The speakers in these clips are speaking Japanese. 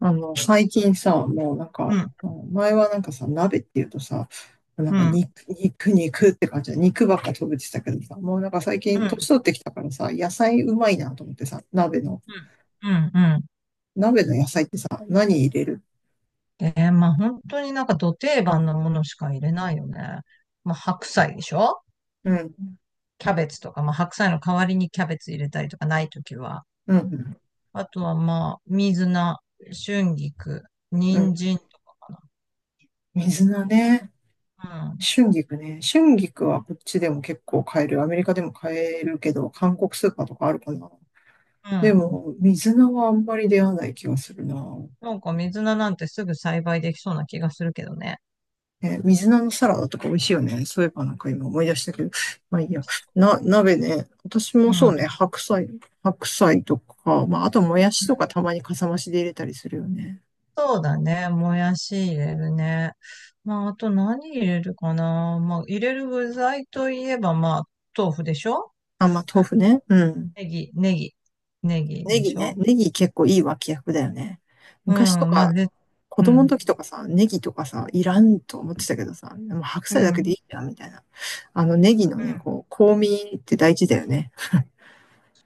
最近さ、もうなんか、うん、うん前はさ、鍋っていうとさ、うん、うん、肉、肉、肉って感じで、肉ばっか食べてたけどさ、もう最近う年ん、取ってきたからさ、野菜うまいなと思ってさ、うん、う鍋の野菜ってさ、何入れるまあ本当になんか土定番のものしか入れないよね。まあ白菜でしょ。うん、キャベツとか、まあ白菜の代わりにキャベツ入れたりとか、ないときは。うん、あとはまあ、水菜、春菊、う人ん。参とかか水菜ね。な。春菊ね。春菊はこっちでも結構買える。アメリカでも買えるけど、韓国スーパーとかあるかな。うん、うでん。も、水菜はあんまり出会わない気がするな。なんか水菜なんてすぐ栽培できそうな気がするけどね。ね、水菜のサラダとか美味しいよね。そういえば今思い出したけど。まあいいや。鍋ね。私うもそうん。ね。白菜とか、まあ、あと、もやしとかたまにかさ増しで入れたりするよね。そうだね。もやし入れるね。まあ、あと何入れるかな。まあ、入れる具材といえば、まあ、豆腐でしょ。あ、まあ豆腐ね。うん。ネギ、ネギ、ネギネでギしね。ょ。ネギ結構いい脇役だよね。う昔とん、まか、あ、で、子う供のん、時とかさ、ネギとかさ、いらんと思ってたけどさ、でも白う菜だけでん、いいじゃんみたいな。あのネギのうん。ね、こう、香味って大事だよね。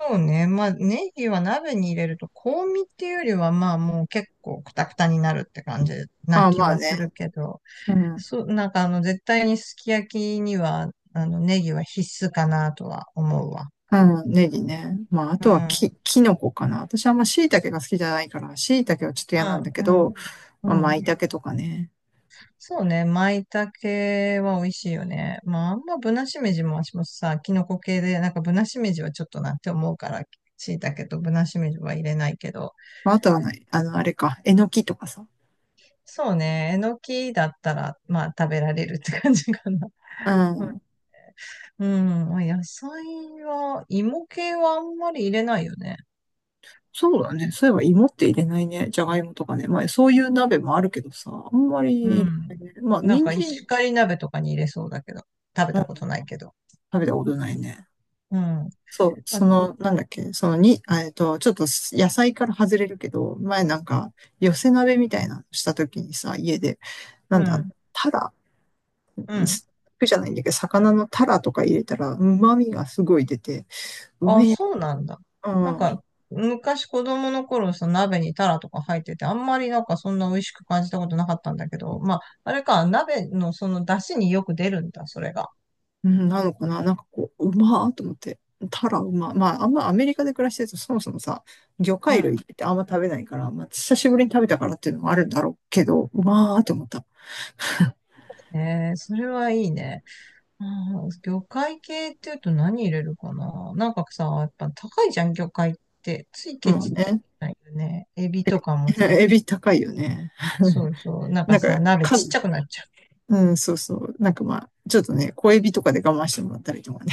そうね。まあ、ネギは鍋に入れると、香味っていうよりは、まあ、もう結構クタクタになるって感じなああ、気まあはするね。けど、うん。そう、なんかあの、絶対にすき焼きには、あの、ネギは必須かなとは思うわ。うん、ネギね。まあ、あうん、とはうキノコかな。私はあんま椎茸が好きじゃないから、椎茸はちょっと嫌なんん、だけうん。ど、まあ、うん、舞茸とかね。そうね、舞茸は美味しいよね。まあ、あんまぶなしめじも私もさ、キノコ系で、なんかぶなしめじはちょっとなって思うから、椎茸とぶなしめじは入れないけど、まあ、あとはない、あの、あれか、えのきとかさ。そうね、えのきだったら、まあ食べられるって感じかな。うん。うん、うん、野菜は、芋系はあんまり入れないよね。そうだね。そういえば芋って入れないね。じゃがいもとかね。まあ、そういう鍋もあるけどさ、あんまりう入れないん。ね。まあ、なん人か参、石狩鍋とかに入れそうだけど、食べうん、たことないけど。食べたことないね。うん。そう、あ、その、なんだっけ、そのに、あえっと、ちょっと野菜から外れるけど、前寄せ鍋みたいなのした時にさ、家で、なうんだ、ん、タラうん。肉じゃないんだけど、魚のタラとか入れたら、旨味がすごい出て、うあ、めえ、そうなんだ。うなんん、か、昔子供の頃、その鍋にタラとか入ってて、あんまりなんかそんな美味しく感じたことなかったんだけど、まあ、あれか、鍋のその出汁によく出るんだ、それが。うんなのかな、なんかこう、うまーと思って。タラうま。まあ、あんまアメリカで暮らしてると、そもそもさ、魚う介ん。類ってあんま食べないから、まあ、久しぶりに食べたからっていうのもあるんだろうけど、うまーと思った。えー、それはいいね。うん、魚介系っていうと何入れるかな。なんかさ、やっぱ高いじゃん、魚介って。ついケまあチってね。言ないよね。エビとかも さ、エビ高いよね。そうそう、なんかなんか、さ、鍋ちっ数、ちゃくなっちゃう。うん、そうそう。まあ、ちょっとね、小エビとかで我慢してもらったりとかね。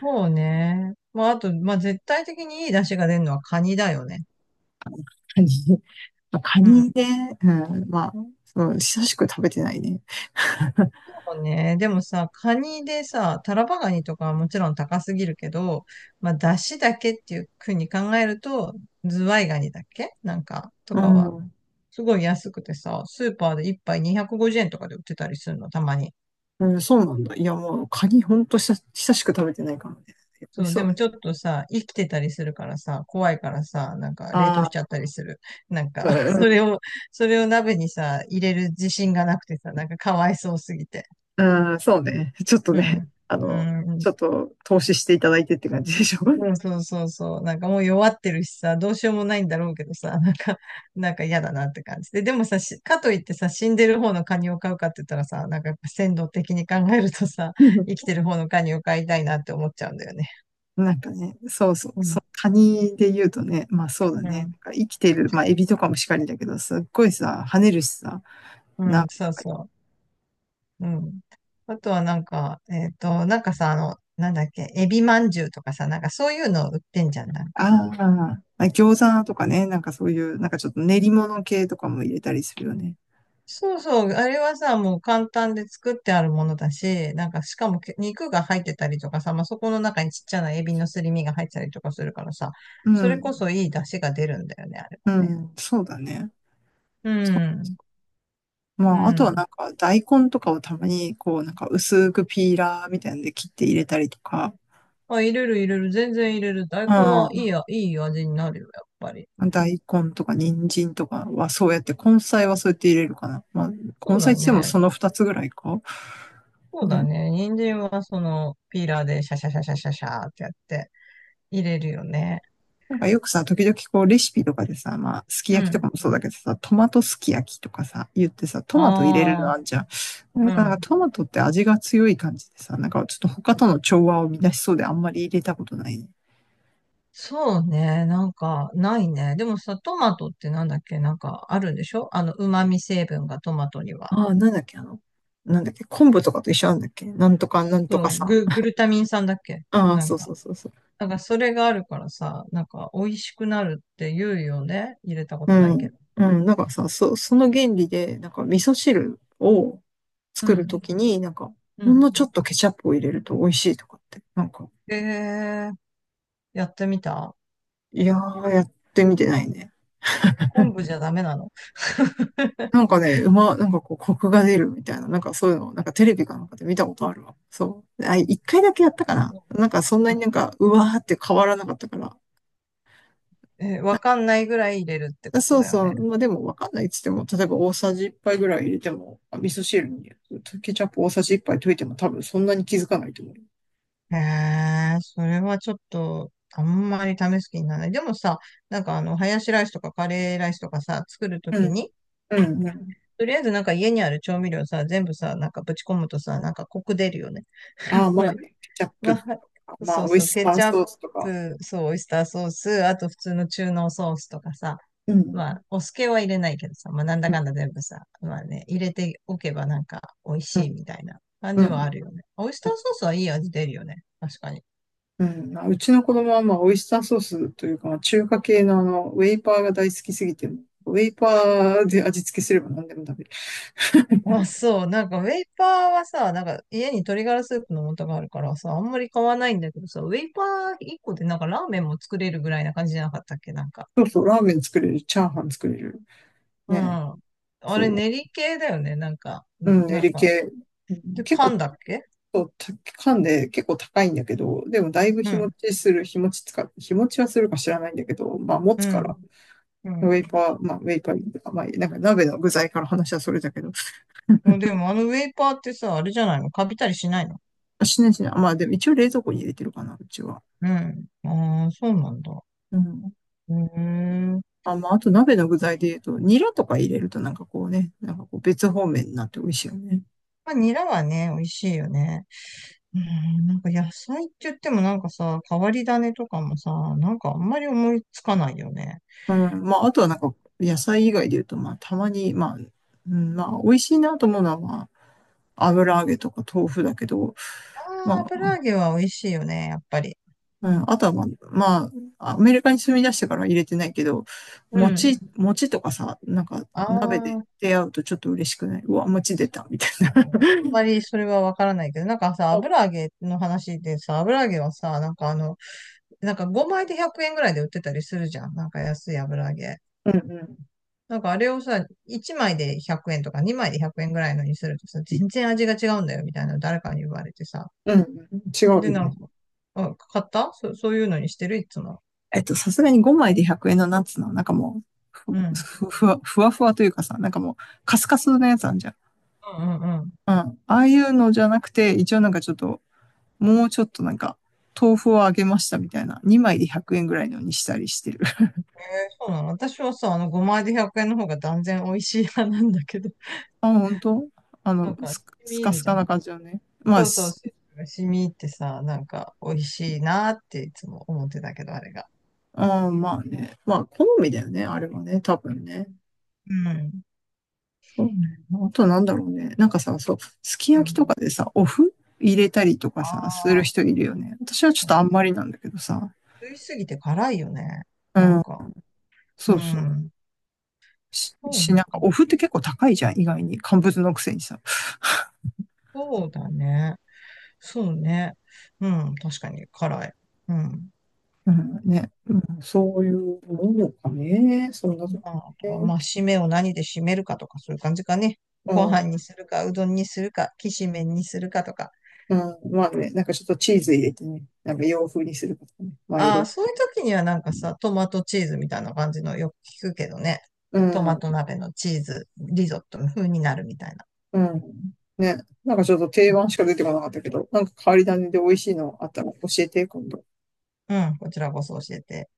そうね。まあ、あと、まあ、絶対的にいい出汁が出るのはカニだよね。カニ、まあ、カうん、ニね、うん、まあ、そう久しく食べてないね。そうね。でもさ、カニでさ、タラバガニとかはもちろん高すぎるけど、まあ、出汁だけっていうふうに考えると、ズワイガニだっけなんか、とうかは、ん。すごい安くてさ、スーパーで一杯250円とかで売ってたりするの、たまに。うん、そうなんだ。いや、もう、カニほんと久しく食べてないからね。美味そしう、そうでだもちょっね。とさ、生きてたりするからさ、怖いからさ、なんか冷あ凍しあ、ちゃったりする。なんか そうれを、それを鍋にさ、入れる自信がなくてさ、なんかかわいそうすぎて。ん、うん、そうね。ちょっとうね、ん。あの、うん、ちょっと投資していただいてって感じでしょ。う ん、そうそうそう。なんかもう弱ってるしさ、どうしようもないんだろうけどさ、なんか、なんか嫌だなって感じで。でもさ、しかといってさ、死んでる方のカニを飼うかって言ったらさ、なんかやっぱ鮮度的に考えるとさ、う ん、生きてる方のカニを飼いたいなって思っちゃうんだよね。なんかね、そうそう、うそん、う、カニで言うとね、まあそうだうね。なんん、か生きてる、まあエビとかもしかりだけど、すっごいさ、跳ねるしさ、うん、鍋そとうかに、そう。うん。あとはなんか、なんかさ、あの、なんだっけ、エビまんじゅうとかさ、なんかそういうの売ってんじゃん、なんか。ああ、餃子とかね、なんかそういう、なんかちょっと練り物系とかも入れたりするよね。そうそう、あれはさ、もう簡単で作ってあるものだし、なんかしかもけ肉が入ってたりとかさ、まあ、そこの中にちっちゃなエビのすり身が入ってたりとかするからさ、うそれこん、そいい出汁が出るんだよね、あれうもね。ん、そうだね。うまあ、あん。とうはなん。んか大根とかをたまにこうなんか薄くピーラーみたいなんで切って入れたりとか、あ、入れる入れる、全然入れる。大う根はいいん。や、いい味になるよ、やっぱり。大根とか人参とかはそうやって、根菜はそうやって入れるかな。まあ、そ根う菜だって言ってもね。その二つぐらいか。そうだね。ね。人参はそのピーラーでシャシャシャシャシャシャーってやって入れるよね。なんかよくさ、時々こうレシピとかでさ、まあ、すきう焼きとん。かもそうだけどさ、トマトすき焼きとかさ、言ってさ、トマト入れるのああんじゃん。やあ、っうぱなんかん。トマトって味が強い感じでさ、なんかちょっと他との調和を乱しそうであんまり入れたことないね。そうね。なんか、ないね。でもさ、トマトってなんだっけ、なんか、あるんでしょあの、旨味成分がトマトには。ああ、なんだっけ、あの、なんだっけ、昆布とかと一緒なんだっけ、なんとかなんとそかう、さ。グルタミン酸だっけああ、なんそうそか。うそうそう。なんか、それがあるからさ、なんか、美味しくなるって言うよね。入れたこうとないけど。ん。うん、なんかさ、その原理で、なんか味噌汁をう作るん。ときに、なんか、うほんん。のちょっとケチャップを入れると美味しいとかって、なんか、えー、やってみた。いやー、やってみてないね。昆布じゃダメなの？ なんかね、なんかこう、コクが出るみたいな、なんかそういうのを、なんかテレビかなんかで見たことあるわ。そう。あ、一回だけやったかうな。なんかそんなん、になんか、うわーって変わらなかったから、えわかんないぐらい入れるってことそうだよそう。ね。まあでもわかんないっつっても、例えば大さじ1杯ぐらい入れても、あ、味噌汁にケチャップ大さじ1杯溶いても多分そんなに気づかないと思う。へえ、それはちょっと、あんまり試す気にならない。でもさ、なんかあの、ハヤシライスとかカレーライスとかさ、作るとうきん、に、うん、うん。とりあえずなんか家にある調味料さ、全部さ、なんかぶち込むとさ、なんかコク出るよね。やあっあ、ぱまあり。ね、ケチャッまプとか、あ、まあ、そうオイそう、スケターチャッソースとか。プ、そう、オイスターソース、あと普通の中濃ソースとかさ、うん、うまあ、お酢系は入れないけどさ、まあなんだん、かんだ全部さ、まあね、入れておけばなんか美味うしいん、みたいな感うじはあん。るよね。オイスターソースはいい味出るよね。確かに。うん、まあうちの子供は、まあ、オイスターソースというか、まあ中華系のあの、ウェイパーが大好きすぎて、ウェイパーで味付けすれば何でも食べる。あ、そう。なんか、ウェイパーはさ、なんか、家に鶏ガラスープの素があるからさ、あんまり買わないんだけどさ、ウェイパー1個でなんかラーメンも作れるぐらいな感じじゃなかったっけなんか。そうそう、ラーメン作れる、チャーハン作れる。うね、ん。あれ、そ練り系だよねなんか、うう。ん、うん、エなんリか、系。うん、で、結構缶だっけ。そうたピカで結構高いんだけど、でもだいぶうん、日持ちつか、日持ちはするか知らないんだけど、まあ持うつかん、ら、うウェイパーとか、まあなんか鍋の具材から話はそれだけど、ん。でも、あのウェイパーってさ、あれじゃないの、カビたりしないの？しないしない。まあでも一応冷蔵庫に入れてるかな、うちは。うん。ああ、そうなんだ。うん。うーん。あ、まああと鍋の具材で言うと、ニラとか入れるとなんかこうね、なんかこう別方面になって美味しいよね。まあ、ニラはね、美味しいよね。うん、なんか野菜って言ってもなんかさ、変わり種とかもさ、なんかあんまり思いつかないよね。うん。まああとはなんか野菜以外で言うと、まあたまに、まあ、うん、まあ美味しいなと思うのは、まあ油揚げとか豆腐だけど、ああ、まあ油揚げは美味しいよね、やっぱり。うん、あとはまあ、まあ、アメリカに住み出してからは入れてないけど、うん。餅とかさ、なんかあ鍋であ、出会うとちょっと嬉しくない、うわ、餅出そうた、みたいな。だね。あんまりそれはわからないけど、なんかさ、油揚げの話でさ、油揚げはさ、なんかあの、なんか5枚で100円ぐらいで売ってたりするじゃん。なんか安い油揚げ。うんうん。なんかあれをさ、1枚で100円とか2枚で100円ぐらいのにするとさ、全然味が違うんだよみたいなの誰かに言われてさ、うんうん。違うよで、なんね。か、あ、買った、そういうのにしてるいつも。えっと、さすがに5枚で100円のナッツの、なんかもう、ふ、うん。うん、ふふわ、ふわふわというかさ、なんかもう、カスカスのやつあんじゃん。うん、うん。うん。ああいうのじゃなくて、一応なんかちょっと、もうちょっとなんか、豆腐をあげましたみたいな、2枚で100円ぐらいのにしたりしてる。えー、そうなの。私はさ、あの、5枚で100円の方が断然美味しい派なんだけど、あ、本当、あ なの、んか、染スカみスカ入るスじゃカん。な感じよね。そうそう、スープが染み入ってさ、なんか、美味しいなっていつも思ってたけど、あれが。あー、まあね。まあ、好みだよね、あれはね、多分ね。うん。そうね。あとなんだろうね。なんかさ、そう、すきう焼きん。とかでさ、お麩入れたりとかあさ、するあ、人いるよね。私はちょっとあんまりなんだけどさ。食いすぎて辛いよね。うなんん、か、うそうそう。ん。そうなんか、ね、お麩って結構高いじゃん、意外に。乾物のくせにさ。そうだね。そうね。うん、確かに辛い。うん。うん、ね。うん、そういうものかね。そんなとこまあ、あとはね。まあ、締めを何で締めるかとか、そういう感じかね。ご飯にするか、うどんにするか、きしめんにするかとか。うん、まあね、なんかちょっとチーズ入れてね、なんか洋風にするとかね。まあいあろいあ、ろ。そういう時にはなんかさ、トマトチーズみたいな感じのよく聞くけどね。うトマん、ト鍋のチーズ、リゾットの風になるみたいな。うん。ね、なんかちょっと定番しか出てこなかったけど、なんか変わり種で美味しいのあったら教えて、今度。うん、こちらこそ教えて。